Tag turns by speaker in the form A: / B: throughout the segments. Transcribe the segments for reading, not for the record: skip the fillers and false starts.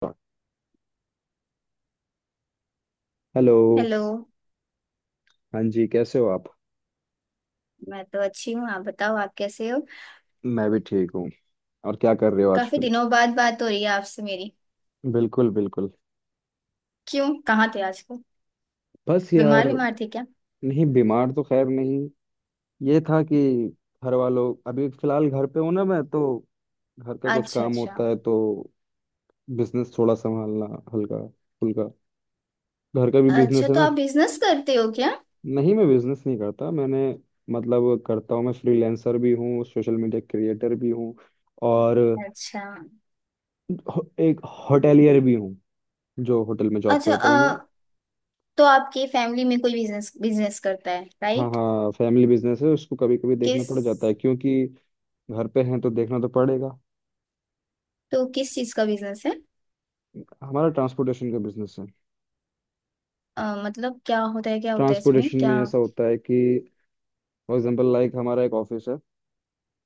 A: start। Hello.
B: Hello.
A: हाँ जी, कैसे हो आप?
B: मैं तो अच्छी हूँ। आप बताओ आप कैसे हो।
A: मैं भी ठीक हूँ। और क्या कर रहे हो
B: काफी
A: आजकल?
B: दिनों बाद बात हो रही है आपसे मेरी।
A: बिल्कुल बिल्कुल।
B: क्यों कहाँ थे आजकल।
A: बस यार।
B: बीमार बीमार थे क्या।
A: नहीं, बीमार तो खैर नहीं। ये था कि घर वालों, अभी फिलहाल घर पे हूँ ना मैं तो। घर का कुछ
B: अच्छा
A: काम
B: अच्छा।
A: होता है, तो बिजनेस थोड़ा संभालना, हल्का फुल्का। घर का भी बिजनेस
B: अच्छा
A: है
B: तो
A: ना।
B: आप बिजनेस करते हो क्या।
A: नहीं, मैं बिजनेस नहीं करता। मैंने मतलब करता हूँ, मैं फ्रीलांसर भी हूँ, सोशल मीडिया क्रिएटर भी हूँ और
B: अच्छा
A: एक होटेलियर भी हूँ। जो होटल में जॉब
B: अच्छा।
A: करता हूँ मैं।
B: तो आपकी फैमिली में कोई बिजनेस बिजनेस करता है
A: हाँ
B: राइट।
A: हाँ, फैमिली बिजनेस है, उसको कभी कभी देखना
B: किस।
A: पड़ जाता है, क्योंकि घर पे हैं तो देखना तो पड़ेगा।
B: तो किस चीज का बिजनेस है।
A: हमारा ट्रांसपोर्टेशन का बिजनेस है।
B: मतलब क्या होता है इसमें
A: ट्रांसपोर्टेशन में
B: क्या।
A: ऐसा होता है कि फॉर एग्जांपल लाइक हमारा एक ऑफिस है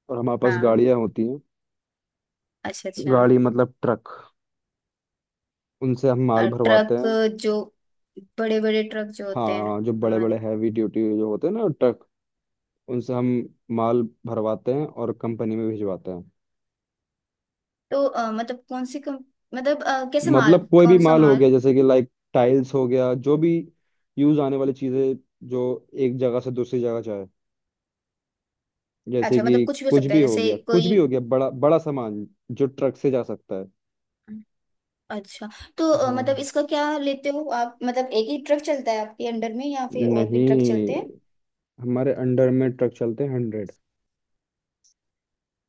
A: और हमारे पास
B: हाँ।
A: गाड़ियाँ होती हैं।
B: अच्छा अच्छा।
A: गाड़ी मतलब ट्रक। उनसे हम माल भरवाते
B: ट्रक।
A: हैं।
B: जो बड़े बड़े ट्रक जो होते हैं।
A: हाँ, जो बड़े बड़े
B: हमारे।
A: हैवी ड्यूटी जो होते हैं ना ट्रक, उनसे हम माल भरवाते हैं और कंपनी में भिजवाते हैं।
B: तो मतलब कौन सी मतलब कैसे माल
A: मतलब कोई भी
B: कौन सा
A: माल हो
B: माल।
A: गया, जैसे कि लाइक टाइल्स हो गया, जो भी यूज आने वाली चीज़ें, जो एक जगह से दूसरी जगह जाए। जैसे
B: अच्छा मतलब
A: कि
B: कुछ भी हो
A: कुछ
B: सकता है
A: भी हो
B: जैसे
A: गया, कुछ
B: कोई।
A: भी हो गया, बड़ा बड़ा सामान जो ट्रक से जा सकता है।
B: अच्छा तो मतलब
A: हाँ।
B: इसका क्या लेते हो आप मतलब एक ही ट्रक चलता है आपके अंडर में या फिर और भी
A: नहीं,
B: ट्रक चलते हैं।
A: हमारे अंडर में ट्रक चलते हैं। 100,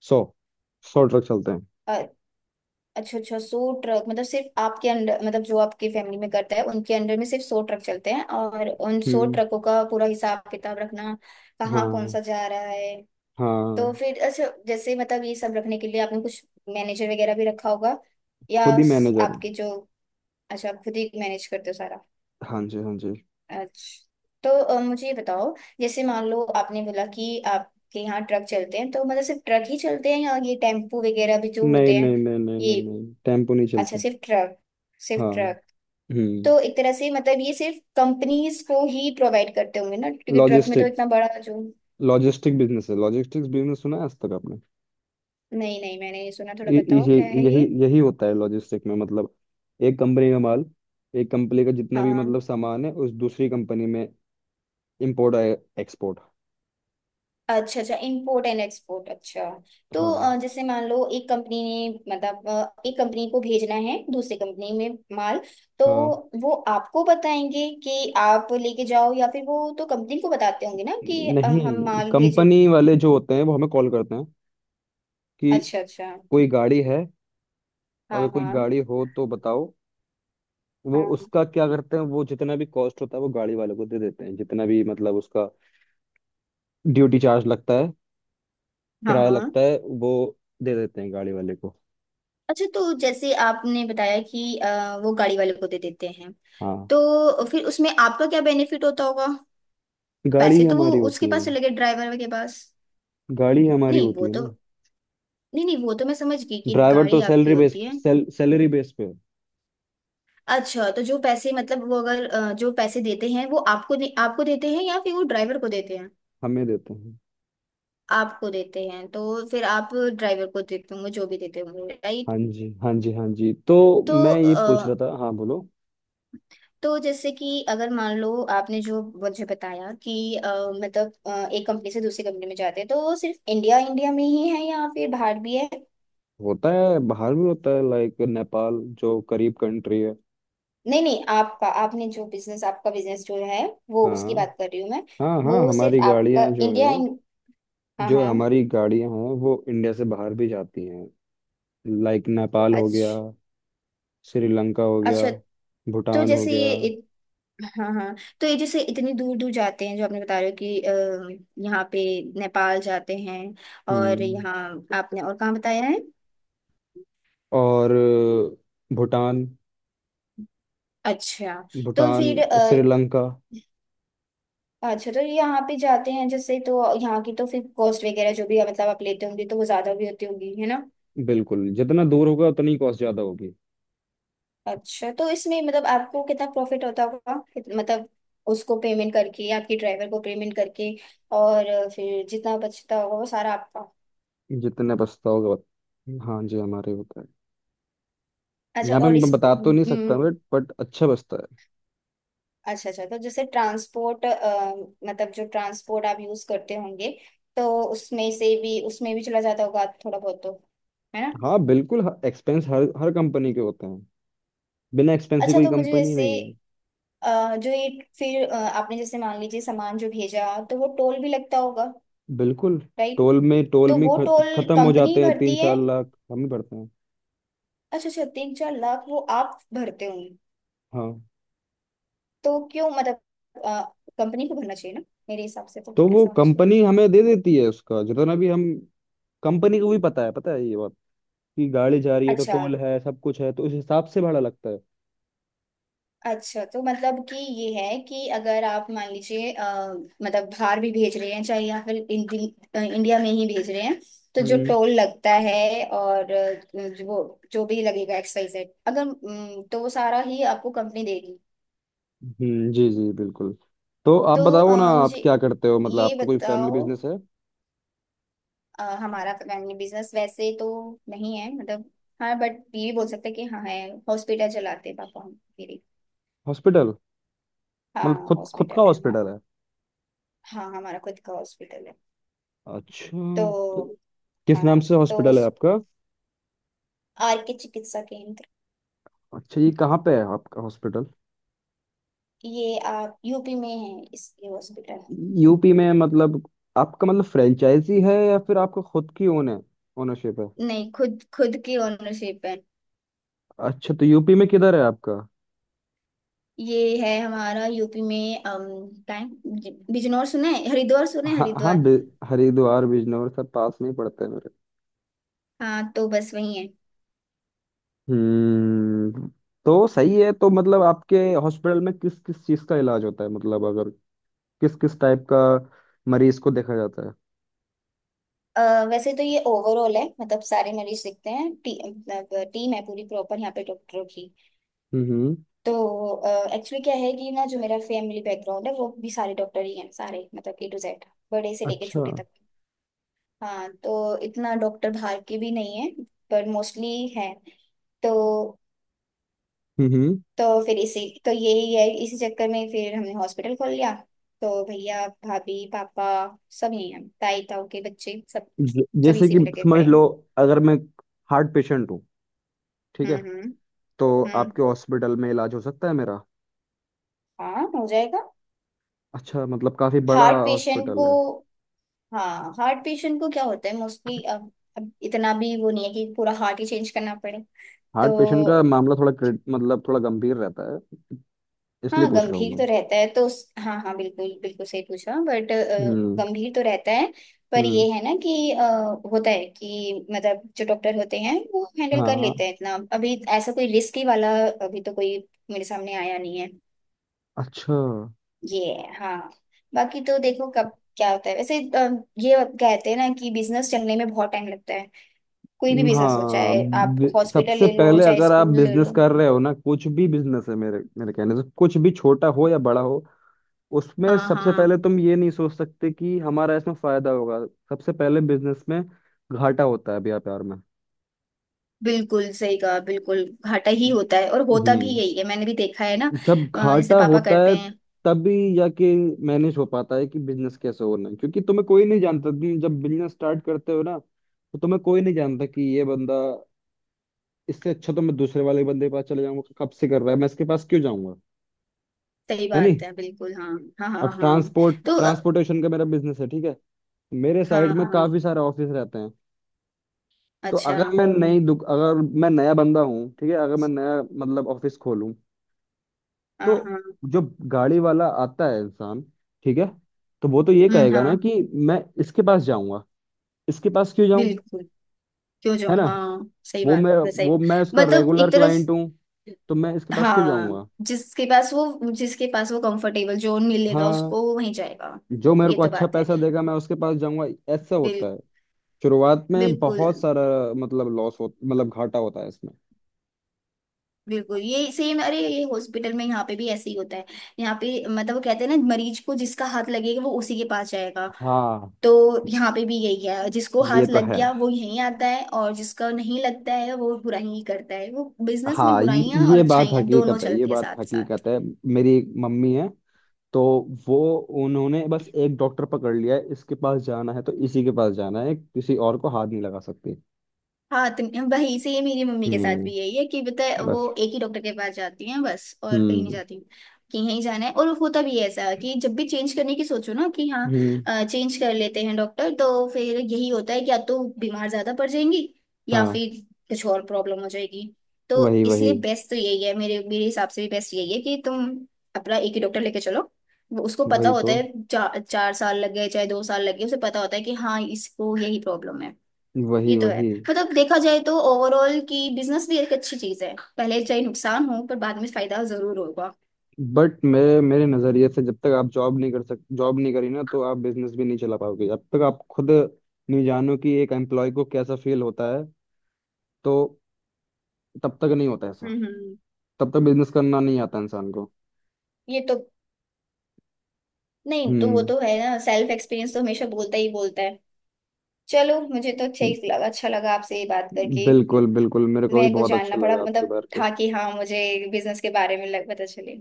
A: 100 100 ट्रक चलते हैं।
B: अ, अच्छा अच्छा सौ ट्रक मतलब सिर्फ आपके अंडर मतलब जो आपकी फैमिली में करता है उनके अंडर में सिर्फ 100 ट्रक चलते हैं और उन सौ
A: हम्म।
B: ट्रकों का पूरा हिसाब किताब रखना। कहाँ कौन
A: हाँ
B: सा जा रहा है। तो
A: हाँ,
B: फिर अच्छा जैसे मतलब ये सब रखने के लिए आपने कुछ मैनेजर वगैरह भी रखा होगा
A: खुद
B: या
A: ही मैनेजर हैं।
B: आपके जो। अच्छा आप खुद ही मैनेज करते हो सारा।
A: हाँ जी हाँ जी।
B: अच्छा तो मुझे ये बताओ जैसे मान लो आपने बोला कि आपके यहाँ ट्रक चलते हैं तो मतलब सिर्फ ट्रक ही चलते हैं या ये टेम्पो वगैरह भी जो
A: नहीं
B: होते हैं।
A: नहीं नहीं नहीं
B: ये।
A: नहीं नहीं, टेम्पो नहीं
B: अच्छा
A: चलते।
B: सिर्फ ट्रक सिर्फ
A: हाँ।
B: ट्रक।
A: हम्म।
B: तो एक तरह से मतलब ये सिर्फ कंपनीज को ही प्रोवाइड करते होंगे ना क्योंकि ट्रक में तो
A: लॉजिस्टिक,
B: इतना बड़ा जो।
A: लॉजिस्टिक बिजनेस है, लॉजिस्टिक्स बिजनेस सुना है आज तक आपने?
B: नहीं नहीं मैंने ये सुना थोड़ा
A: ये-
B: बताओ क्या है
A: यही
B: ये।
A: यही होता है लॉजिस्टिक में, मतलब एक कंपनी का माल, एक कंपनी का जितना भी
B: हाँ।
A: मतलब सामान है, उस दूसरी कंपनी में इंपोर्ट एक्सपोर्ट।
B: अच्छा अच्छा इंपोर्ट एंड एक्सपोर्ट अच्छा। तो
A: हाँ
B: जैसे मान लो एक कंपनी ने मतलब एक कंपनी को भेजना है दूसरी कंपनी में माल। तो
A: हाँ।
B: वो आपको बताएंगे कि आप लेके जाओ या फिर वो तो कंपनी को बताते होंगे ना कि हम
A: नहीं,
B: माल भेजे।
A: कंपनी वाले जो होते हैं वो हमें कॉल करते हैं कि
B: अच्छा अच्छा।
A: कोई गाड़ी है, अगर
B: हाँ
A: कोई
B: हाँ।
A: गाड़ी हो तो बताओ। वो
B: हाँ
A: उसका क्या करते हैं, वो जितना भी कॉस्ट होता है वो गाड़ी वाले को दे देते हैं, जितना भी मतलब उसका ड्यूटी चार्ज लगता है,
B: हाँ
A: किराया
B: हाँ।
A: लगता है, वो दे देते हैं गाड़ी वाले को।
B: अच्छा तो जैसे आपने बताया कि वो गाड़ी वाले को दे देते हैं
A: हाँ,
B: तो फिर उसमें आपका क्या बेनिफिट होता होगा।
A: गाड़ी ही
B: पैसे तो वो
A: हमारी
B: उसके
A: होती है।
B: पास चले गए ड्राइवर के पास।
A: गाड़ी हमारी
B: नहीं
A: होती
B: वो
A: है
B: तो।
A: ना।
B: नहीं नहीं वो तो मैं समझ गई कि
A: ड्राइवर
B: गाड़ी
A: तो
B: आपकी
A: सैलरी बेस
B: होती है।
A: सेल, सैलरी बेस पे।
B: अच्छा तो जो पैसे मतलब वो अगर जो पैसे देते हैं वो आपको आपको देते हैं या फिर वो ड्राइवर को देते हैं।
A: हमें देते हैं।
B: आपको देते हैं तो फिर आप ड्राइवर को देते होंगे जो भी देते होंगे राइट।
A: हाँ जी हाँ जी हाँ जी। तो
B: तो
A: मैं ये पूछ रहा था, हाँ बोलो।
B: तो जैसे कि अगर मान लो आपने जो मुझे बताया कि मतलब एक कंपनी से दूसरी कंपनी में जाते हैं तो वो सिर्फ इंडिया इंडिया में ही है या फिर बाहर भी है।
A: होता है, बाहर भी होता है, लाइक नेपाल जो करीब कंट्री है।
B: नहीं नहीं आपका आपने जो बिजनेस आपका बिजनेस जो है वो उसकी
A: हाँ
B: बात कर रही हूँ मैं।
A: हाँ हाँ,
B: वो
A: हमारी
B: सिर्फ आपका
A: गाड़ियाँ जो है,
B: इंडिया। हाँ
A: जो
B: हाँ।
A: हमारी गाड़ियाँ हैं, वो इंडिया से बाहर भी जाती हैं। लाइक नेपाल हो गया,
B: अच्छा
A: श्रीलंका हो गया,
B: अच्छा तो
A: भूटान हो
B: जैसे
A: गया।
B: ये हाँ हाँ। तो ये जैसे इतनी दूर दूर जाते हैं जो आपने बता रहे हो कि यहाँ पे नेपाल जाते हैं। और
A: हम्म।
B: यहाँ आपने और कहाँ बताया है।
A: और भूटान,
B: अच्छा तो
A: भूटान,
B: फिर
A: श्रीलंका।
B: अच्छा तो यहाँ पे जाते हैं जैसे तो यहाँ की तो फिर कॉस्ट वगैरह जो भी है मतलब आप लेते होंगे तो वो ज्यादा भी होती होगी है ना।
A: बिल्कुल, जितना दूर होगा उतनी कॉस्ट ज्यादा होगी।
B: अच्छा तो इसमें मतलब आपको कितना प्रॉफिट होता होगा मतलब उसको पेमेंट करके आपके ड्राइवर को पेमेंट करके और फिर जितना बचता होगा वो सारा आपका।
A: जितने बसता होगा हाँ जी, हमारे होता है।
B: अच्छा
A: यहाँ पे
B: और
A: मैं
B: इस
A: बता तो नहीं सकता, बट अच्छा बसता है।
B: अच्छा अच्छा तो जैसे ट्रांसपोर्ट मतलब जो ट्रांसपोर्ट आप यूज करते होंगे तो उसमें से भी उसमें भी चला जाता होगा थोड़ा बहुत तो है ना।
A: हाँ बिल्कुल, एक्सपेंस हर हर कंपनी के होते हैं। बिना एक्सपेंस की
B: अच्छा
A: कोई
B: तो मुझे
A: कंपनी
B: जैसे
A: नहीं है।
B: जो ये फिर आपने जैसे मान लीजिए सामान जो भेजा तो वो टोल भी लगता होगा
A: बिल्कुल।
B: राइट।
A: टोल में टोल
B: तो
A: में
B: वो टोल
A: खत्म हो
B: कंपनी
A: जाते हैं तीन
B: भरती है।
A: चार लाख हम ही पड़ते हैं।
B: अच्छा अच्छा 3-4 लाख वो आप भरते होंगे।
A: हाँ।
B: तो क्यों मतलब आ, कंपनी को भरना चाहिए ना मेरे हिसाब से तो
A: तो वो
B: ऐसा होना चाहिए।
A: कंपनी हमें दे देती है, उसका जितना भी हम। कंपनी को भी पता है, पता है ये बात, कि गाड़ी जा रही है तो
B: अच्छा
A: टोल है सब कुछ है, तो उस हिसाब से भाड़ा लगता है।
B: अच्छा तो मतलब कि ये है कि अगर आप मान लीजिए मतलब बाहर भी भेज रहे हैं चाहे या फिर इंडिया में ही भेज रहे हैं तो जो
A: हम्म।
B: टोल लगता है और जो वो जो भी लगेगा एक्सवाइज अगर तो वो सारा ही आपको कंपनी देगी।
A: जी जी बिल्कुल। तो आप
B: तो
A: बताओ ना, आप
B: मुझे
A: क्या करते हो, मतलब
B: ये
A: आपका कोई फैमिली
B: बताओ
A: बिजनेस है?
B: हमारा फैमिली बिजनेस वैसे तो नहीं है मतलब हाँ बट ये भी बोल सकते हैं कि हाँ है। हॉस्पिटल चलाते हैं पापा हम मेरे।
A: हॉस्पिटल? मतलब
B: हाँ
A: खुद खुद का
B: हॉस्पिटल है हमारा।
A: हॉस्पिटल है?
B: हाँ हमारा खुद का हॉस्पिटल है।
A: अच्छा।
B: तो
A: तो किस
B: हाँ
A: नाम से
B: तो
A: हॉस्पिटल है आपका?
B: आर के चिकित्सा केंद्र।
A: अच्छा, ये कहाँ पे है आपका हॉस्पिटल?
B: ये आप यूपी में है इसके हॉस्पिटल।
A: यूपी में, मतलब आपका मतलब फ्रेंचाइजी है या फिर आपका खुद की ओन है, ओनरशिप है?
B: नहीं खुद खुद की ओनरशिप है।
A: अच्छा, तो यूपी में किधर है आपका?
B: ये है हमारा यूपी में क्या है? बिजनौर सुने हैं? हरिद्वार सुने हैं?
A: हाँ हाँ,
B: हरिद्वार।
A: हरिद्वार, बिजनौर सब पास में ही पड़ते हैं मेरे।
B: हाँ तो बस वही है।
A: हम्म। तो सही है। तो मतलब आपके हॉस्पिटल में किस किस चीज का इलाज होता है, मतलब अगर, किस किस टाइप का मरीज को देखा जाता है?
B: अ, वैसे तो ये ओवरऑल है मतलब सारे मरीज दिखते हैं मतलब टीम है पूरी प्रॉपर यहाँ पे डॉक्टरों की।
A: हम्म।
B: तो एक्चुअली क्या है कि ना जो मेरा फैमिली बैकग्राउंड है वो भी सारे डॉक्टर ही हैं सारे मतलब ए टू जेड बड़े से लेके
A: अच्छा।
B: छोटे तक। हाँ तो इतना डॉक्टर बाहर के भी नहीं है पर मोस्टली है। तो
A: हम्म।
B: तो फिर इसी तो यही है इसी चक्कर में फिर हमने हॉस्पिटल खोल लिया। तो भैया भाभी पापा सब यही हैं ताई ताऊ के बच्चे सब सब
A: जैसे
B: इसी
A: कि
B: में लगे
A: समझ
B: पड़े
A: लो,
B: हैं।
A: अगर मैं हार्ट पेशेंट हूँ, ठीक है,
B: हम्म।
A: तो
B: हम्म।
A: आपके हॉस्पिटल में इलाज हो सकता है मेरा?
B: हाँ हो जाएगा।
A: अच्छा, मतलब काफी बड़ा
B: हार्ट पेशेंट
A: हॉस्पिटल
B: को
A: है।
B: हाँ हार्ट पेशेंट को क्या होता है मोस्टली अब इतना भी वो नहीं है कि पूरा हार्ट ही चेंज करना पड़े।
A: हार्ट पेशेंट का
B: तो
A: मामला थोड़ा मतलब थोड़ा गंभीर रहता है, इसलिए
B: हाँ
A: पूछ रहा हूँ
B: गंभीर
A: मैं।
B: तो रहता है तो हाँ हाँ बिल्कुल बिल्कुल सही पूछा बट
A: हम्म
B: गंभीर तो रहता है। पर
A: हम्म।
B: ये है ना कि होता है कि मतलब जो डॉक्टर होते हैं वो हैंडल कर
A: हाँ।
B: लेते हैं इतना अभी ऐसा कोई रिस्की वाला अभी तो कोई मेरे सामने आया नहीं है।
A: अच्छा।
B: ये है, हाँ। बाकी तो देखो कब क्या होता है वैसे ये कहते हैं ना कि बिजनेस चलने में बहुत टाइम लगता है कोई भी बिजनेस हो
A: हाँ,
B: चाहे आप हॉस्पिटल
A: सबसे
B: ले लो
A: पहले
B: चाहे
A: अगर आप
B: स्कूल ले
A: बिजनेस
B: लो।
A: कर रहे हो ना, कुछ भी बिजनेस है, मेरे मेरे कहने से, कुछ भी छोटा हो या बड़ा हो, उसमें
B: हाँ
A: सबसे
B: हाँ।
A: पहले तुम ये नहीं सोच सकते कि हमारा इसमें फायदा होगा। सबसे पहले बिजनेस में घाटा होता है, व्यापार में।
B: बिल्कुल सही कहा बिल्कुल घाटा ही होता है और होता भी
A: हम्म।
B: यही है मैंने भी देखा है ना।
A: जब
B: जैसे
A: घाटा
B: पापा
A: होता
B: करते
A: है,
B: हैं।
A: तभी जाके मैनेज हो पाता है कि बिजनेस कैसे होना है, क्योंकि तुम्हें कोई नहीं जानता। तुम जब बिजनेस स्टार्ट करते हो ना, तो तुम्हें कोई नहीं जानता कि ये बंदा, इससे अच्छा तो मैं दूसरे वाले बंदे के पास चले जाऊंगा, कब से कर रहा है, मैं इसके पास क्यों जाऊंगा?
B: सही
A: है नहीं
B: बात है बिल्कुल हाँ। हाँ हाँ
A: अब
B: हाँ। तो
A: ट्रांसपोर्टेशन का मेरा बिजनेस है, ठीक है। मेरे साइड
B: हाँ
A: में
B: हाँ
A: काफी सारे ऑफिस रहते हैं। तो
B: अच्छा।
A: अगर मैं नई दुक अगर मैं नया बंदा हूँ, ठीक है, अगर मैं नया मतलब ऑफिस खोलूँ,
B: हाँ
A: तो
B: हाँ।
A: जो गाड़ी वाला आता है इंसान, ठीक है, तो वो तो ये
B: हम्म।
A: कहेगा ना
B: हाँ
A: कि मैं इसके पास जाऊंगा, इसके पास क्यों जाऊं?
B: बिल्कुल। क्यों
A: है
B: जाऊँ
A: ना?
B: हाँ सही
A: वो
B: बात
A: मैं
B: है सही
A: वो
B: बात।
A: मैं उसका
B: मतलब
A: रेगुलर
B: एक तरह से
A: क्लाइंट हूँ, तो मैं इसके पास क्यों
B: हाँ
A: जाऊंगा?
B: जिसके पास वो कंफर्टेबल जोन मिलेगा
A: हाँ,
B: उसको वो वहीं जाएगा।
A: जो मेरे
B: ये
A: को
B: तो
A: अच्छा
B: बात है।
A: पैसा देगा मैं उसके पास जाऊंगा, ऐसा
B: बिल
A: होता है। शुरुआत में बहुत
B: बिल्कुल
A: सारा मतलब लॉस हो, मतलब घाटा होता है इसमें।
B: बिल्कुल ये सेम अरे ये हॉस्पिटल में यहाँ पे भी ऐसे ही होता है। यहाँ पे मतलब वो कहते हैं ना मरीज को जिसका हाथ लगेगा वो उसी के पास जाएगा।
A: हाँ।
B: तो यहाँ पे भी यही है जिसको
A: ये
B: हाथ
A: तो
B: लग
A: है।
B: गया वो यहीं आता है और जिसका नहीं लगता है वो बुराई ही करता है वो बिजनेस में
A: हाँ,
B: बुराइयां और
A: ये बात
B: अच्छाइयां दोनों
A: हकीकत है, ये
B: चलती है
A: बात
B: साथ
A: हकीकत
B: साथ।
A: है। मेरी एक मम्मी है, तो वो, उन्होंने बस एक डॉक्टर पकड़ लिया है, इसके पास जाना है तो इसी के पास जाना है, किसी और को हाथ नहीं लगा सकती।
B: हाँ तो वही से ये मेरी मम्मी के साथ भी
A: हम्म।
B: यही है कि पता है
A: बस।
B: वो एक ही डॉक्टर के पास जाती हैं बस और कहीं नहीं
A: हम्म
B: जाती। कि यहीं जाना है और होता भी है ऐसा कि जब भी चेंज करने की सोचो ना कि
A: हम्म।
B: हाँ चेंज कर लेते हैं डॉक्टर तो फिर यही होता है कि या तो बीमार ज्यादा पड़ जाएंगी या
A: हाँ।
B: फिर कुछ और प्रॉब्लम हो जाएगी। तो
A: वही वही।
B: इसलिए बेस्ट तो यही है मेरे मेरे हिसाब से भी बेस्ट यही है कि तुम अपना एक ही डॉक्टर लेके चलो। उसको पता
A: वही
B: होता
A: तो।
B: है चार चार साल लग गए चाहे 2 साल लग गए उसे पता होता है कि हाँ इसको यही प्रॉब्लम है। ये
A: वही
B: तो है।
A: वही।
B: मतलब देखा जाए तो ओवरऑल की बिजनेस भी एक अच्छी चीज है पहले चाहे नुकसान हो पर बाद में फायदा जरूर होगा।
A: बट मेरे मेरे नजरिए से, जब तक आप जॉब नहीं करी ना, तो आप बिजनेस भी नहीं चला पाओगे, जब तक आप खुद नहीं जानो कि एक एम्प्लॉय को कैसा फील होता है। तो तब तक नहीं होता ऐसा,
B: हम्म।
A: तब तक बिजनेस करना नहीं आता इंसान को।
B: ये तो नहीं तो वो
A: हम्म।
B: तो है ना सेल्फ एक्सपीरियंस तो हमेशा बोलता ही बोलता है। चलो मुझे तो अच्छा ही लगा अच्छा लगा आपसे ये बात करके।
A: बिल्कुल बिल्कुल, मेरे को भी
B: मेरे को
A: बहुत
B: जानना
A: अच्छा
B: पड़ा
A: लगा आपके
B: मतलब
A: बारे के।
B: था कि हाँ मुझे बिजनेस के बारे में लग पता चले।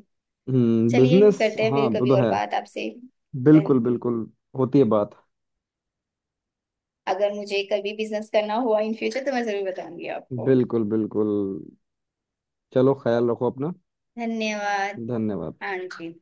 A: हम्म,
B: चलिए
A: बिजनेस,
B: करते हैं
A: हाँ,
B: फिर
A: वो
B: कभी
A: तो
B: और
A: है।
B: बात आपसे। Then,
A: बिल्कुल बिल्कुल। होती है बात।
B: अगर मुझे कभी बिजनेस करना हुआ इन फ्यूचर तो मैं जरूर बताऊंगी आपको।
A: बिल्कुल बिल्कुल। चलो, ख्याल रखो अपना।
B: धन्यवाद।
A: धन्यवाद।
B: हाँ जी।